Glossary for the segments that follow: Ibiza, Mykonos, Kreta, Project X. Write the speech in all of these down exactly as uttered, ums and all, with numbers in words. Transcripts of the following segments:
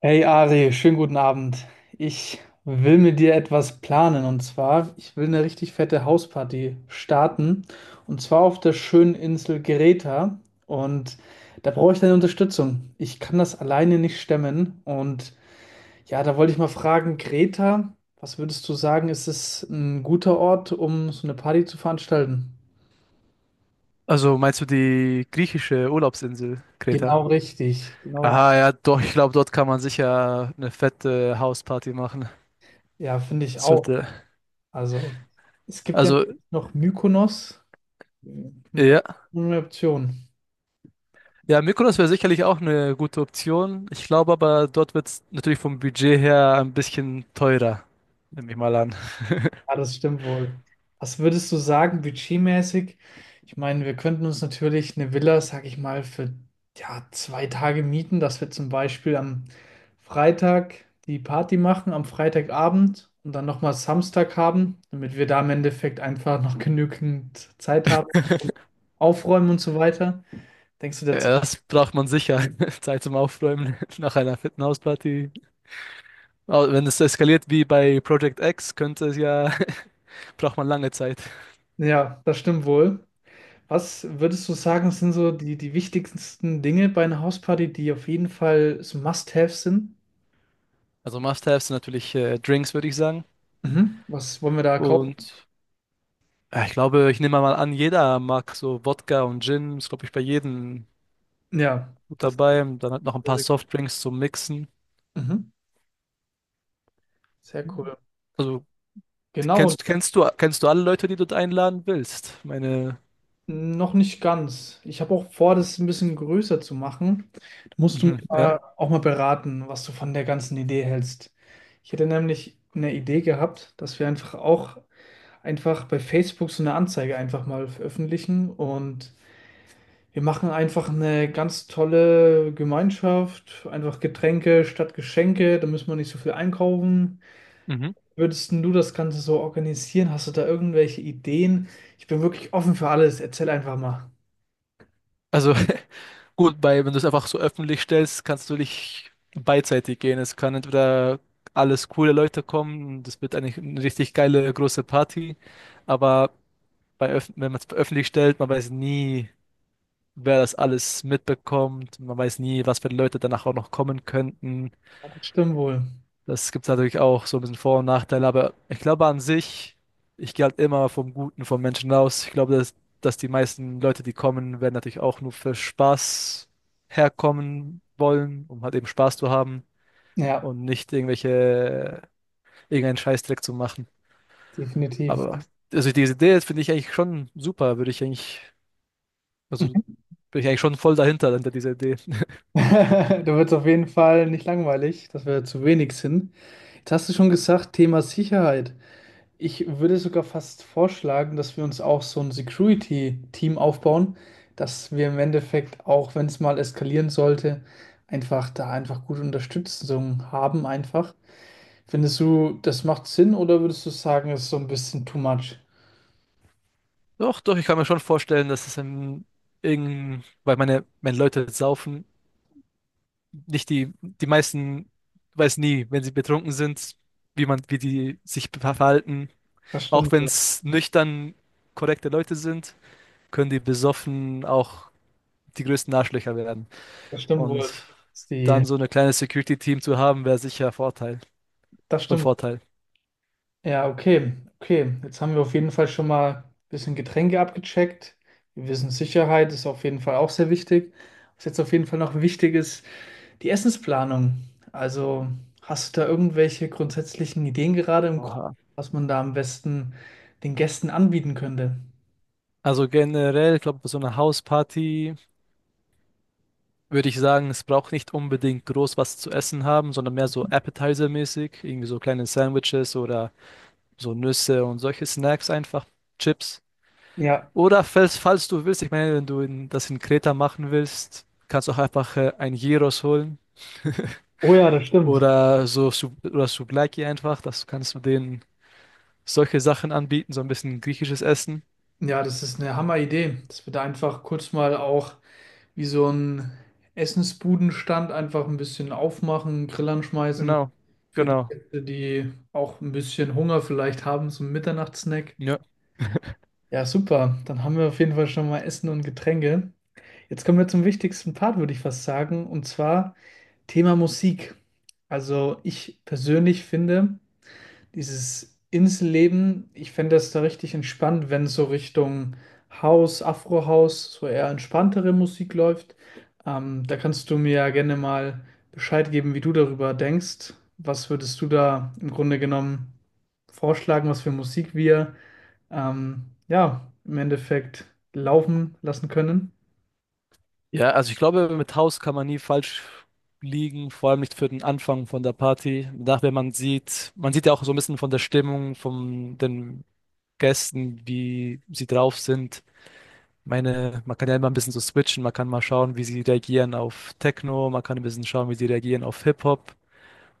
Hey Ari, schönen guten Abend. Ich will mit dir etwas planen, und zwar, ich will eine richtig fette Hausparty starten, und zwar auf der schönen Insel Greta, und da brauche ich deine Unterstützung. Ich kann das alleine nicht stemmen, und ja, da wollte ich mal fragen, Greta, was würdest du sagen, ist es ein guter Ort, um so eine Party zu veranstalten? Also meinst du die griechische Urlaubsinsel, Kreta? Genau richtig, genau. Aha, ja, doch, ich glaube, dort kann man sicher eine fette Hausparty machen. Ja, finde ich auch. Sollte. Also, es gibt ja Also, noch Mykonos. Hm, ja. eine Option. Ja, Mykonos wäre sicherlich auch eine gute Option. Ich glaube aber, dort wird es natürlich vom Budget her ein bisschen teurer, nehme ich mal an. Ah, das stimmt wohl. Was würdest du sagen, budgetmäßig? Ich meine, wir könnten uns natürlich eine Villa, sag ich mal, für ja, zwei Tage mieten, dass wir zum Beispiel am Freitag die Party machen, am Freitagabend, und dann nochmal Samstag haben, damit wir da im Endeffekt einfach noch genügend Zeit haben, aufräumen und so weiter. Denkst du, der Ja, Zeit? das braucht man sicher. Zeit zum Aufräumen nach einer fetten Hausparty. Aber wenn es eskaliert wie bei Project X, könnte es ja, braucht man lange Zeit. Ja, das stimmt wohl. Was würdest du sagen, sind so die, die wichtigsten Dinge bei einer Hausparty, die auf jeden Fall so Must-Haves sind? Also Must-Haves sind natürlich äh, Drinks, würde ich sagen. Mhm. Was wollen wir da kaufen? Und ja, ich glaube, ich nehme mal an, jeder mag so Wodka und Gin, ist, glaube ich, bei jedem Ja, gut das geht dabei. Und dann halt noch ein sehr, paar sehr, gut. Softdrinks zum Mixen. Mhm. Sehr cool. Also, die Genau, kennst, kennst du, kennst du alle Leute, die du einladen willst? Meine, noch nicht ganz. Ich habe auch vor, das ein bisschen größer zu machen. Da musst du mich mhm, mal, ja. auch mal beraten, was du von der ganzen Idee hältst. Ich hätte nämlich eine Idee gehabt, dass wir einfach auch einfach bei Facebook so eine Anzeige einfach mal veröffentlichen, und wir machen einfach eine ganz tolle Gemeinschaft, einfach Getränke statt Geschenke, da müssen wir nicht so viel einkaufen. Mhm. Würdest denn du das Ganze so organisieren? Hast du da irgendwelche Ideen? Ich bin wirklich offen für alles. Erzähl einfach mal. Also, gut, bei, wenn du es einfach so öffentlich stellst, kannst du nicht beidseitig gehen. Es kann entweder alles coole Leute kommen, das wird eigentlich eine richtig geile große Party, aber bei, öff- wenn man es öffentlich stellt, man weiß nie, wer das alles mitbekommt. Man weiß nie, was für Leute danach auch noch kommen könnten. Ja, das stimmt wohl. Das gibt es natürlich auch so ein bisschen Vor- und Nachteile, aber ich glaube an sich, ich gehe halt immer vom Guten vom Menschen aus. Ich glaube, dass, dass die meisten Leute, die kommen, werden natürlich auch nur für Spaß herkommen wollen, um halt eben Spaß zu haben Ja, und nicht irgendwelche, irgendeinen Scheißdreck zu machen. definitiv. Aber also diese Idee finde ich eigentlich schon super, würde ich eigentlich, also bin ich eigentlich schon voll dahinter, hinter dieser Idee. Da wird es auf jeden Fall nicht langweilig, dass wir zu wenig sind. Jetzt hast du schon gesagt, Thema Sicherheit. Ich würde sogar fast vorschlagen, dass wir uns auch so ein Security-Team aufbauen, dass wir im Endeffekt, auch wenn es mal eskalieren sollte, einfach da einfach gute Unterstützung haben einfach. Findest du, das macht Sinn, oder würdest du sagen, es ist so ein bisschen too much? Doch, doch, ich kann mir schon vorstellen, dass es in, in, weil meine, wenn Leute saufen, nicht die, die meisten weiß nie, wenn sie betrunken sind, wie man, wie die sich verhalten. Das Auch stimmt wenn wohl. es nüchtern korrekte Leute sind, können die besoffen auch die größten Arschlöcher werden. Das stimmt Und wohl. Das ist die, dann so ein kleines Security-Team zu haben, wäre sicher ein Vorteil. das Von stimmt wohl. Vorteil. Ja, okay. Okay. Jetzt haben wir auf jeden Fall schon mal ein bisschen Getränke abgecheckt. Wir wissen, Sicherheit ist auf jeden Fall auch sehr wichtig. Was jetzt auf jeden Fall noch wichtig ist, die Essensplanung. Also hast du da irgendwelche grundsätzlichen Ideen gerade im Kopf, Oha. was man da am besten den Gästen anbieten könnte? Also generell, glaube ich, bei so einer Hausparty würde ich sagen, es braucht nicht unbedingt groß was zu essen haben, sondern mehr so Appetizer-mäßig, irgendwie so kleine Sandwiches oder so Nüsse und solche Snacks einfach, Chips. Ja, Oder falls, falls du willst, ich meine, wenn du in, das in Kreta machen willst, kannst du auch einfach äh, ein Gyros holen oh ja, das stimmt. oder so Su- oder Souvlaki einfach. Das kannst du denen solche Sachen anbieten, so ein bisschen griechisches Essen. Ja, das ist eine Hammeridee, dass wir da einfach kurz mal auch wie so ein Essensbudenstand einfach ein bisschen aufmachen, Grillern schmeißen Genau, für die genau. Gäste, die auch ein bisschen Hunger vielleicht haben, so ein Mitternachtssnack. Ja. Ja, super. Dann haben wir auf jeden Fall schon mal Essen und Getränke. Jetzt kommen wir zum wichtigsten Part, würde ich fast sagen, und zwar Thema Musik. Also ich persönlich finde dieses Inselleben, ich fände das da richtig entspannt, wenn so Richtung House, Afro-House, so eher entspanntere Musik läuft. Ähm, da kannst du mir ja gerne mal Bescheid geben, wie du darüber denkst. Was würdest du da im Grunde genommen vorschlagen, was für Musik wir ähm, ja im Endeffekt laufen lassen können? Ja, also ich glaube, mit Haus kann man nie falsch liegen, vor allem nicht für den Anfang von der Party. Nachher man sieht, man sieht ja auch so ein bisschen von der Stimmung von den Gästen, wie sie drauf sind. Meine, man kann ja immer ein bisschen so switchen, man kann mal schauen, wie sie reagieren auf Techno, man kann ein bisschen schauen, wie sie reagieren auf Hip-Hop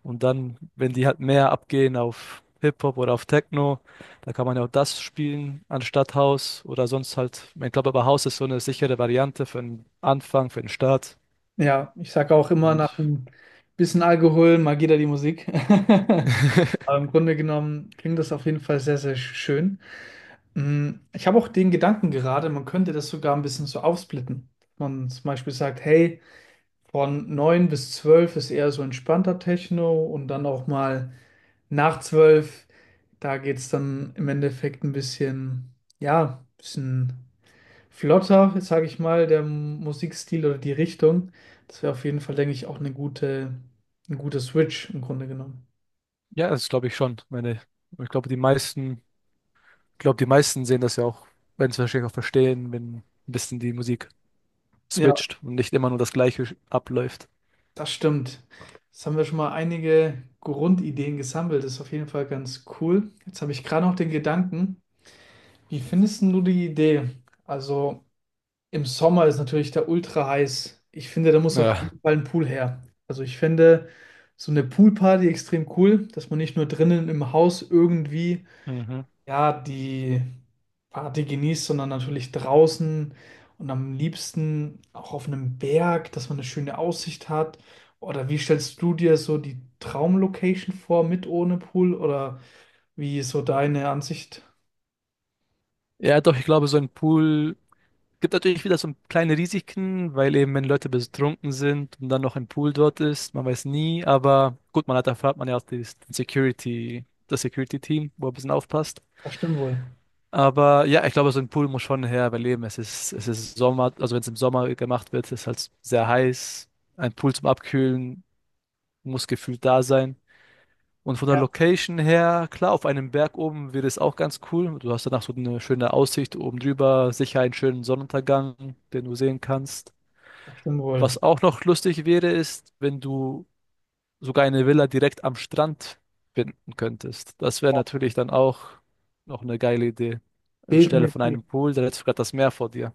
und dann, wenn die halt mehr abgehen auf Hip-Hop oder auf Techno, da kann man ja auch das spielen anstatt House oder sonst halt, ich glaube aber House ist so eine sichere Variante für den Anfang, für den Start Ja, ich sage auch immer, und nach ein bisschen Alkohol, mal geht da die Musik. Aber im Grunde genommen klingt das auf jeden Fall sehr, sehr schön. Mm, Ich habe auch den Gedanken gerade, man könnte das sogar ein bisschen so aufsplitten. Man zum Beispiel sagt, hey, von neun bis zwölf ist eher so entspannter Techno, und dann auch mal nach zwölf, da geht es dann im Endeffekt ein bisschen, ja, ein bisschen flotter, sage ich mal, der Musikstil oder die Richtung. Das wäre auf jeden Fall, denke ich, auch eine gute, ein guter Switch im Grunde genommen. ja, das glaube ich schon. Meine, ich glaube, die meisten, ich glaube, die meisten sehen das ja auch, wenn sie es wahrscheinlich auch verstehen, wenn ein bisschen die Musik Ja, switcht und nicht immer nur das Gleiche abläuft. das stimmt. Jetzt haben wir schon mal einige Grundideen gesammelt. Das ist auf jeden Fall ganz cool. Jetzt habe ich gerade noch den Gedanken, wie findest denn du die Idee? Also im Sommer ist natürlich da ultra heiß. Ich finde, da muss auf Ja. jeden Fall ein Pool her. Also ich finde so eine Poolparty extrem cool, dass man nicht nur drinnen im Haus irgendwie, Mhm. ja, die Party genießt, sondern natürlich draußen und am liebsten auch auf einem Berg, dass man eine schöne Aussicht hat. Oder wie stellst du dir so die Traumlocation vor, mit ohne Pool? Oder wie ist so deine Ansicht? Ja, doch, ich glaube, so ein Pool gibt natürlich wieder so kleine Risiken, weil eben, wenn Leute betrunken sind und dann noch ein Pool dort ist, man weiß nie, aber gut, man hat, erfahrt man ja auch das Security, das Security-Team, wo ein bisschen aufpasst. Das stimmt wohl. Aber ja, ich glaube, so ein Pool muss schon her, weil eben, es ist, es ist Sommer, also wenn es im Sommer gemacht wird, ist halt sehr heiß. Ein Pool zum Abkühlen muss gefühlt da sein. Und von der Ja, Location her, klar, auf einem Berg oben wäre es auch ganz cool. Du hast danach so eine schöne Aussicht oben drüber, sicher einen schönen Sonnenuntergang, den du sehen kannst. das stimmt Was wohl. auch noch lustig wäre, ist, wenn du sogar eine Villa direkt am Strand finden könntest. Das wäre natürlich dann auch noch eine geile Idee. Anstelle von Definitiv. einem Pool, da hättest du gerade das Meer vor dir.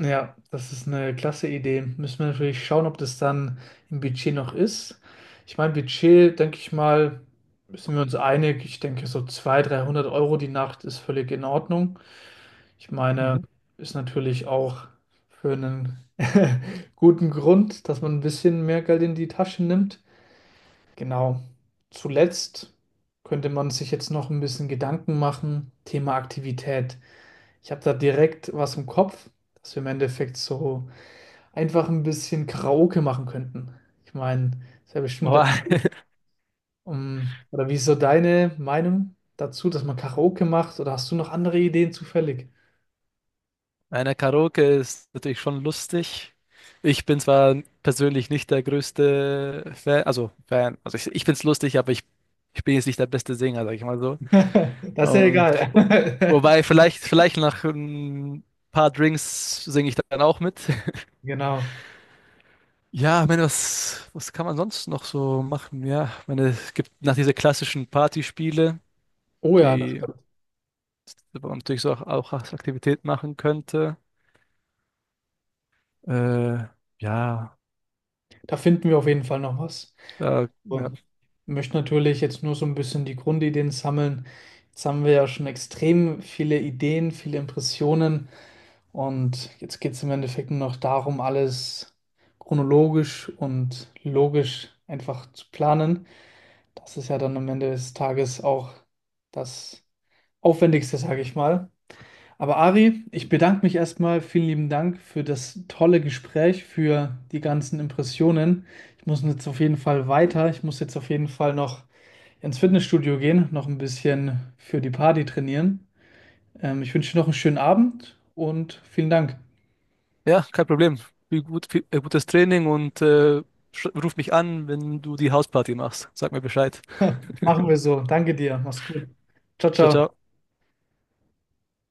Ja, das ist eine klasse Idee. Müssen wir natürlich schauen, ob das dann im Budget noch ist. Ich meine, Budget, denke ich mal, sind wir uns einig. Ich denke, so zweihundert, dreihundert Euro die Nacht ist völlig in Ordnung. Ich meine, Mhm. ist natürlich auch für einen guten Grund, dass man ein bisschen mehr Geld in die Tasche nimmt. Genau. Zuletzt könnte man sich jetzt noch ein bisschen Gedanken machen. Thema Aktivität. Ich habe da direkt was im Kopf, dass wir im Endeffekt so einfach ein bisschen Karaoke machen könnten. Ich meine, das wäre bestimmt ganz, Wow. um, oder wie ist so deine Meinung dazu, dass man Karaoke macht? Oder hast du noch andere Ideen zufällig? Einer Karaoke ist natürlich schon lustig. Ich bin zwar persönlich nicht der größte Fan, also Fan, also ich, ich find's lustig, aber ich, ich bin jetzt nicht der beste Sänger, sag ich mal so. Das ist ja Und, egal. wobei, vielleicht, vielleicht nach ein paar Drinks singe ich dann auch mit. Genau. Ja, ich meine, was, was kann man sonst noch so machen? Ja, ich meine, es gibt nach diese klassischen Partyspiele, Oh ja, die man natürlich so auch, auch als Aktivität machen könnte. Äh, ja, da finden wir auf jeden Fall noch was. da, ja. So. Ich möchte natürlich jetzt nur so ein bisschen die Grundideen sammeln. Jetzt haben wir ja schon extrem viele Ideen, viele Impressionen. Und jetzt geht es im Endeffekt nur noch darum, alles chronologisch und logisch einfach zu planen. Das ist ja dann am Ende des Tages auch das Aufwendigste, sage ich mal. Aber Ari, ich bedanke mich erstmal. Vielen lieben Dank für das tolle Gespräch, für die ganzen Impressionen. Ich muss jetzt auf jeden Fall weiter. Ich muss jetzt auf jeden Fall noch ins Fitnessstudio gehen, noch ein bisschen für die Party trainieren. Ähm, ich wünsche dir noch einen schönen Abend und vielen Dank. Ja, kein Problem. Viel gut, viel, äh, gutes Training und äh, sch- ruf mich an, wenn du die Hausparty machst. Sag mir Bescheid. Machen wir so. Danke dir. Mach's gut. Ciao, Ciao, ciao. ciao.